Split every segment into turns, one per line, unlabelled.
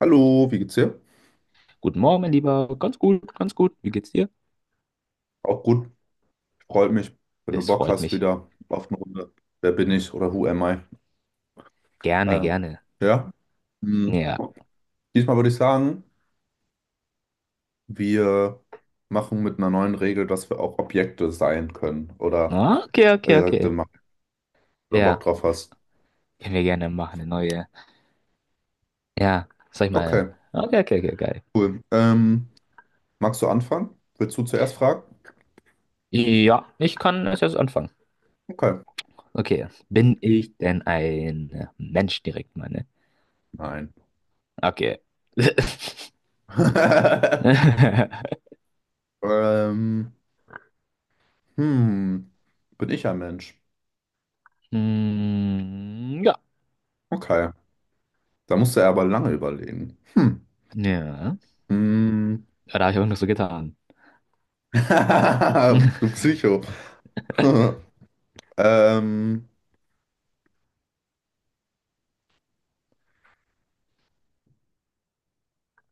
Hallo, wie geht's dir?
Guten Morgen, mein Lieber. Ganz gut, ganz gut. Wie geht's dir?
Auch gut, freut mich, wenn du
Das
Bock
freut
hast
mich.
wieder auf eine Runde. Wer bin ich oder who am I?
Gerne,
Äh,
gerne.
ja, hm.
Ja.
Diesmal würde ich sagen, wir machen mit einer neuen Regel, dass wir auch Objekte sein können oder
Okay, okay,
direkte
okay.
machen, wenn du Bock
Ja,
drauf hast.
können wir gerne machen, eine neue. Ja, sag ich
Okay,
mal. Okay, okay, okay, geil.
cool. Magst du anfangen? Willst du zuerst fragen?
Ja, ich kann es jetzt anfangen.
Okay.
Okay. Bin ich denn ein Mensch direkt, meine?
Nein.
Okay.
Ähm, hm, bin ich ein Mensch?
Hm, ja.
Okay, da musst du aber lange überlegen. Hm.
Ja.
Mm.
Ja, da habe ich auch noch so getan.
Du Psycho. Ähm,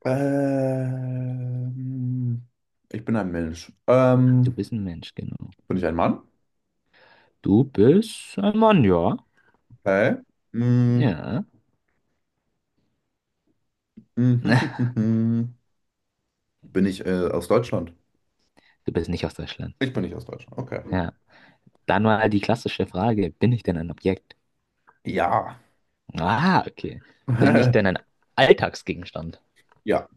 ähm, ich bin ein Mensch.
Du
Ähm,
bist ein Mensch, genau.
bin ich ein Mann?
Du bist ein Mann, ja.
Okay. Mm.
Ja.
mm, Bin ich aus Deutschland?
Du bist nicht aus Deutschland.
Ich bin nicht aus Deutschland. Okay.
Ja. Dann mal die klassische Frage, bin ich denn ein Objekt?
Ja.
Ah, okay. Bin ich denn ein Alltagsgegenstand?
Ja.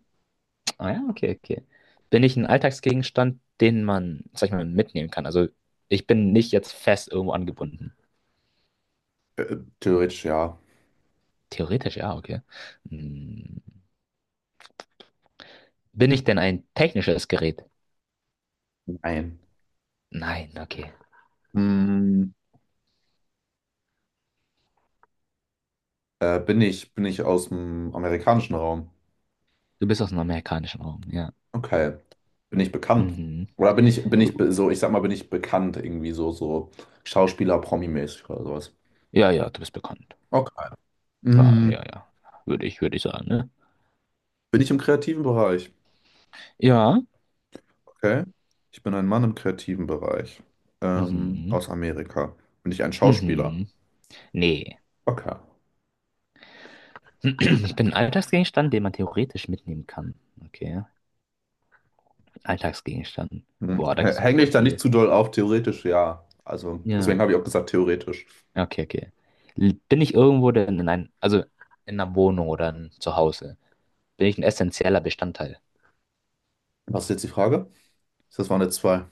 Ah ja, okay, okay. Bin ich ein Alltagsgegenstand, den man, sag ich mal, mitnehmen kann? Also ich bin nicht jetzt fest irgendwo angebunden.
Theoretisch ja.
Theoretisch ja, okay. Hm, bin ich denn ein technisches Gerät?
Nein.
Nein, okay.
Mm. Bin ich aus dem amerikanischen Raum?
Du bist aus dem amerikanischen Raum, ja.
Okay. Bin ich bekannt?
Mhm.
Oder
Jo.
so, ich sag mal, bin ich bekannt irgendwie so, so Schauspieler-Promi-mäßig oder sowas?
Ja, ja, du bist bekannt.
Okay.
Ja,
Mm,
ja, ja. Würde ich sagen, ne?
bin ich im kreativen Bereich?
Ja.
Okay. Ich bin ein Mann im kreativen Bereich.
Mhm.
Aus Amerika. Bin ich ein Schauspieler?
Mhm. Nee.
Okay.
Ich bin ein Alltagsgegenstand, den man theoretisch mitnehmen kann. Okay. Alltagsgegenstand.
Hm.
Boah, da gibt's auch
Hänge ich
voll
da nicht
viel.
zu doll auf? Theoretisch ja. Also,
Ja.
deswegen habe ich auch gesagt, theoretisch.
Okay, okay. Bin ich irgendwo denn in ein, also in einer Wohnung oder in, zu Hause? Bin ich ein essentieller Bestandteil?
Was ist jetzt die Frage? Das waren jetzt zwei.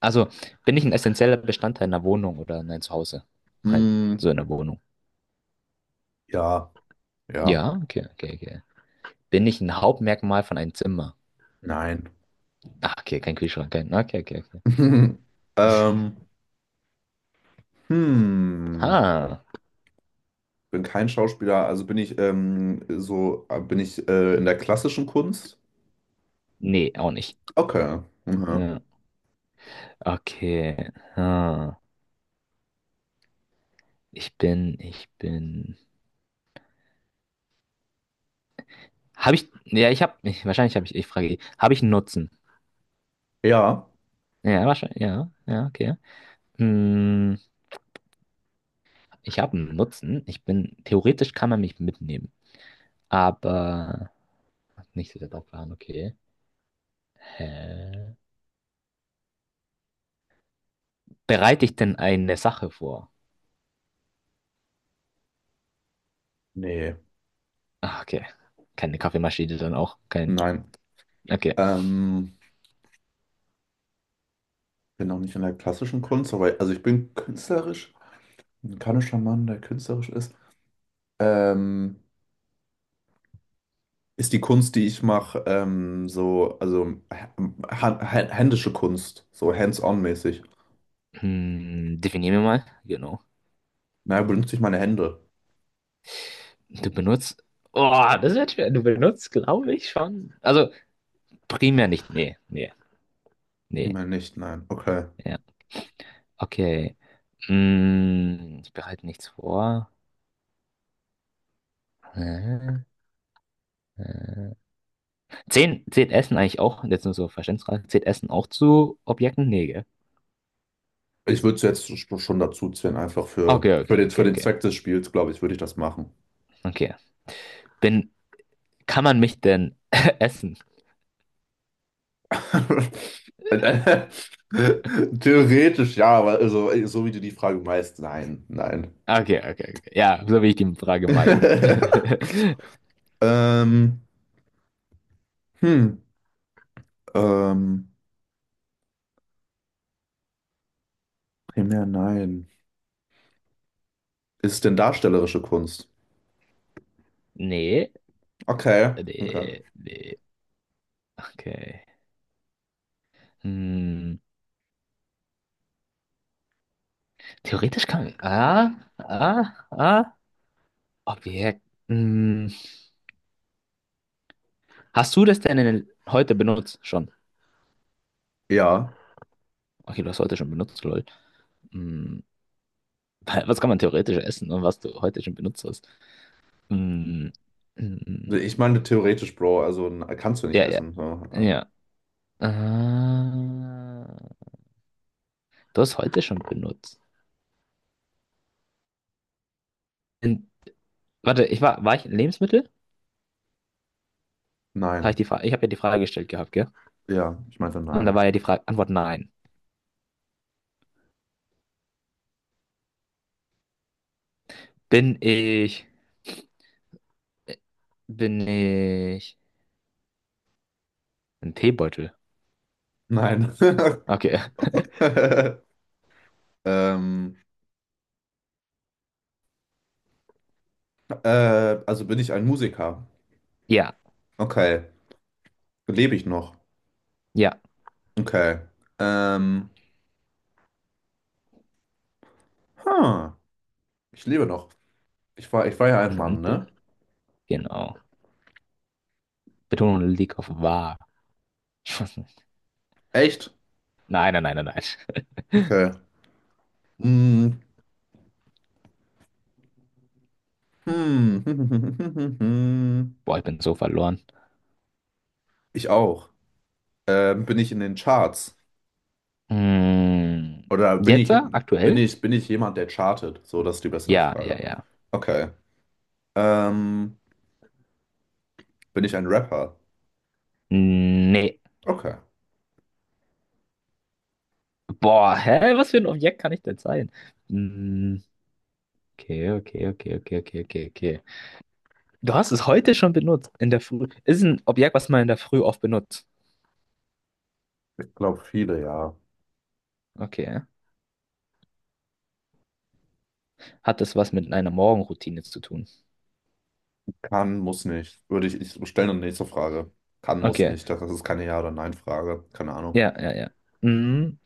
Also, bin ich ein essentieller Bestandteil einer Wohnung oder in einem Zuhause? Halt,
Hm,
so in der Wohnung.
ja, ja,
Ja, okay, okay, okay. Bin ich ein Hauptmerkmal von einem Zimmer?
nein.
Ah, okay, kein Kühlschrank, kein. Okay, okay, okay.
Ähm, hm.
Ha.
Bin kein Schauspieler, also bin ich so, bin ich in der klassischen Kunst?
Nee, auch nicht.
Okay. Mhm.
Ja. Okay. Ha. Ich bin. Habe ich. Ja, ich habe. Ich, wahrscheinlich habe ich. Ich frage, habe ich einen Nutzen?
Ja.
Ja, wahrscheinlich. Ja, ja, okay. Hm, ich habe einen Nutzen. Ich bin. Theoretisch kann man mich mitnehmen. Aber. Nicht so sehr drauf okay. Hä? Bereite ich denn eine Sache vor?
Nee.
Ah, okay. Keine Kaffeemaschine dann auch. Kein.
Nein.
Okay.
Ähm, bin auch nicht in der klassischen Kunst, aber also ich bin künstlerisch, ein kanischer Mann, der künstlerisch ist. Ähm, ist die Kunst, die ich mache, so, also hä- händische Kunst, so hands-on mäßig.
Hm, definier mir mal. Genau.
Naja, benutze ich meine Hände?
Du benutzt. Oh, das wird schwer. Du benutzt, glaube ich, schon. Also primär nicht. Nee, nee, nee.
Vielmehr nicht, nein. Okay.
Ja. Okay. Ich bereite nichts vor. Äh, äh. Zehn, zählt Essen eigentlich auch? Jetzt nur so Verständnisfrage. Zählt Essen auch zu Objekten? Nee, gell?
Ich würde es jetzt schon dazu zählen, einfach
Okay, okay,
für
okay,
den
okay.
Zweck des Spiels, glaube ich, würde ich das machen.
Okay. Bin, kann man mich denn essen?
Theoretisch ja, aber also, so wie du die Frage meinst, nein, nein.
Okay, okay, okay. Ja, so will ich die Frage meiden.
Ähm, hm, ähm, Primär nein. Ist es denn darstellerische Kunst?
Nee,
Okay, okay.
nee, nee. Okay. Hm, theoretisch kann. Ah, ah. Objekt. Hm, hast du das denn in, heute benutzt schon?
Ja,
Okay, du hast heute schon benutzt, lol. Hm, was kann man theoretisch essen und was du heute schon benutzt hast? Hm, hm,
ich meine theoretisch, Bro, also kannst du nicht
ja, ja,
essen. So.
ja. Ah, du hast heute schon benutzt. In, warte, war ich in Lebensmittel? Habe ich
Nein,
die Frage, ich habe ja die Frage gestellt gehabt, gell?
ja, ich meinte
Und da
nein.
war ja die Frage, Antwort nein. Bin ich, bin ich ein Teebeutel?
Nein.
Okay.
Ähm, also bin ich ein Musiker.
Ja,
Okay. Lebe ich noch?
ja.
Okay. Ähm, huh. Ich lebe noch. Ich war ja ein
Mhm,
Mann, ne?
genau. Betonung liegt auf wahr.
Echt?
Nein, nein, nein, nein, nein.
Okay. Hm. Hm.
Boah, ich bin so verloren.
Ich auch. Bin ich in den Charts?
Hm,
Oder bin
jetzt?
ich, bin
Aktuell?
ich, bin ich jemand, der chartet? So, das ist die bessere
Ja, ja,
Frage.
ja.
Okay. Ähm, bin ich ein Rapper?
Nee.
Okay.
Boah, hä? Was für ein Objekt kann ich denn sein? Hm, okay, okay, okay, okay, okay, okay, okay. Du hast es heute schon benutzt. In der Früh. Ist ein Objekt, was man in der Früh oft benutzt.
Ich glaube, viele, ja.
Okay. Hat das was mit einer Morgenroutine zu tun?
Kann, muss nicht. Würde ich, ich stelle eine nächste Frage. Kann, muss
Okay.
nicht. Das ist keine Ja- oder Nein-Frage. Keine Ahnung.
Ja, ja, ja. Hm,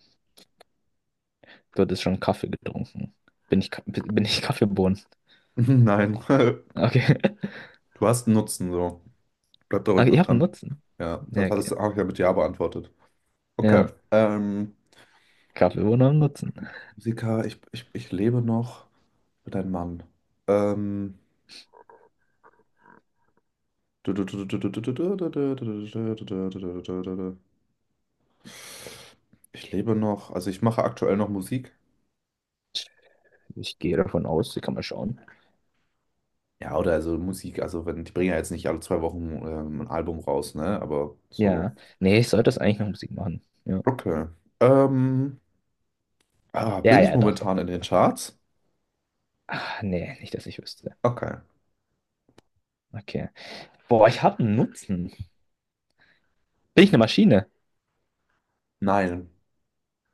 du hattest schon Kaffee getrunken. Bin ich Kaffeebohnen?
Nein.
Okay.
Du hast einen Nutzen, so. Bleib da ruhig
Okay,
mal
ich habe einen
dran.
Nutzen.
Ja,
Ja,
das hattest
okay.
du auch ja mit Ja beantwortet. Okay.
Ja. Kaffeebohnen haben einen Nutzen.
Musiker, ich lebe noch mit einem Mann. Ähm. Ich lebe noch, also ich mache aktuell noch Musik.
Ich gehe davon aus, die kann man schauen.
Ja, oder also Musik, also wenn die bringen ja jetzt nicht alle 2 Wochen ein Album raus, ne? Aber so.
Ja. Nee, ich sollte das eigentlich noch Musik machen. Ja.
Okay. Ähm, ah,
Ja,
bin ich
ja, doch, doch,
momentan in
doch,
den
doch.
Charts?
Ach, nee, nicht, dass ich wüsste.
Okay.
Okay. Boah, ich habe einen Nutzen. Bin ich eine Maschine?
Nein.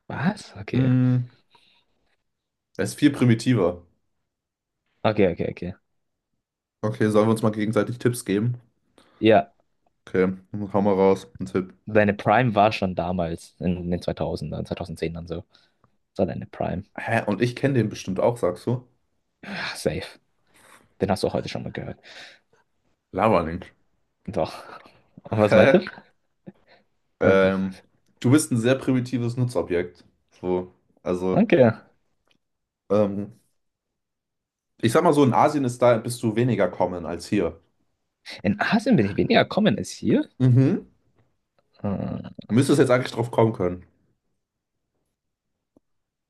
Was? Okay.
Hm, es ist viel primitiver.
Okay, okay, okay.
Okay, sollen wir uns mal gegenseitig Tipps geben?
Ja,
Okay, dann hau mal raus, ein Tipp.
deine Prime war schon damals, in den 2000ern, 2010ern so. Das war deine Prime.
Hä? Und ich kenne den bestimmt auch, sagst du?
Ah, safe. Den hast du auch heute schon mal gehört.
Laber nicht.
Doch. Und was meint ihr?
Hä?
Also,
Ähm, du bist ein sehr primitives Nutzobjekt. So. Also,
okay.
ähm, ich sag mal so, in Asien ist da bist du weniger common als hier.
In Asien bin ich weniger common als hier.
Mhm.
Hm,
Müsstest jetzt eigentlich drauf kommen können.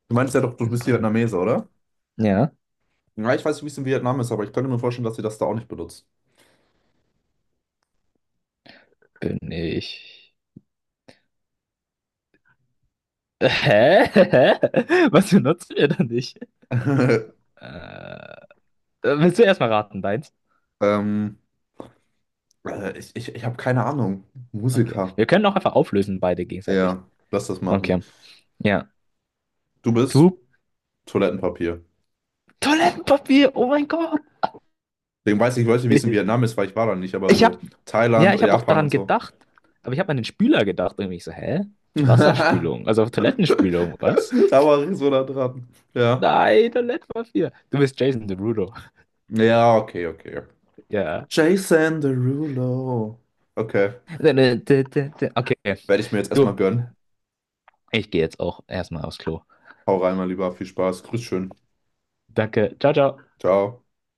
Du meinst ja doch, du
im
bist
Prim-
Vietnamese, oder?
ja,
Ja, ich weiß nicht, wie es in Vietnam ist, aber ich könnte mir vorstellen, dass sie das da auch nicht benutzt.
bin ich. Hä? Hä? Was benutzt ihr da nicht? Äh, willst du erstmal raten, deins?
Ähm, ich habe keine Ahnung.
Okay.
Musiker.
Wir können auch einfach auflösen, beide gegenseitig.
Ja, lass das machen.
Okay. Ja.
Du bist
Du,
Toilettenpapier.
Toilettenpapier, oh mein Gott.
Deswegen weiß ich, Leute, wie es in Vietnam ist, weil ich war da nicht, aber
Ich
so
hab, ja,
Thailand,
ich hab auch
Japan
daran
und so.
gedacht, aber ich hab an den Spüler gedacht. Und ich so, hä?
Da
Wasserspülung, also Toilettenspülung, was?
war ich so nah dran. Ja.
Nein, Toilettenpapier. Du bist Jason Derulo.
Ja, okay, okay.
Ja.
Jason Derulo. Okay,
Okay.
werde ich mir jetzt erstmal
Du,
gönnen.
ich gehe jetzt auch erstmal aufs Klo.
Hau rein, mein Lieber. Viel Spaß. Grüß schön.
Danke. Ciao, ciao.
Ciao.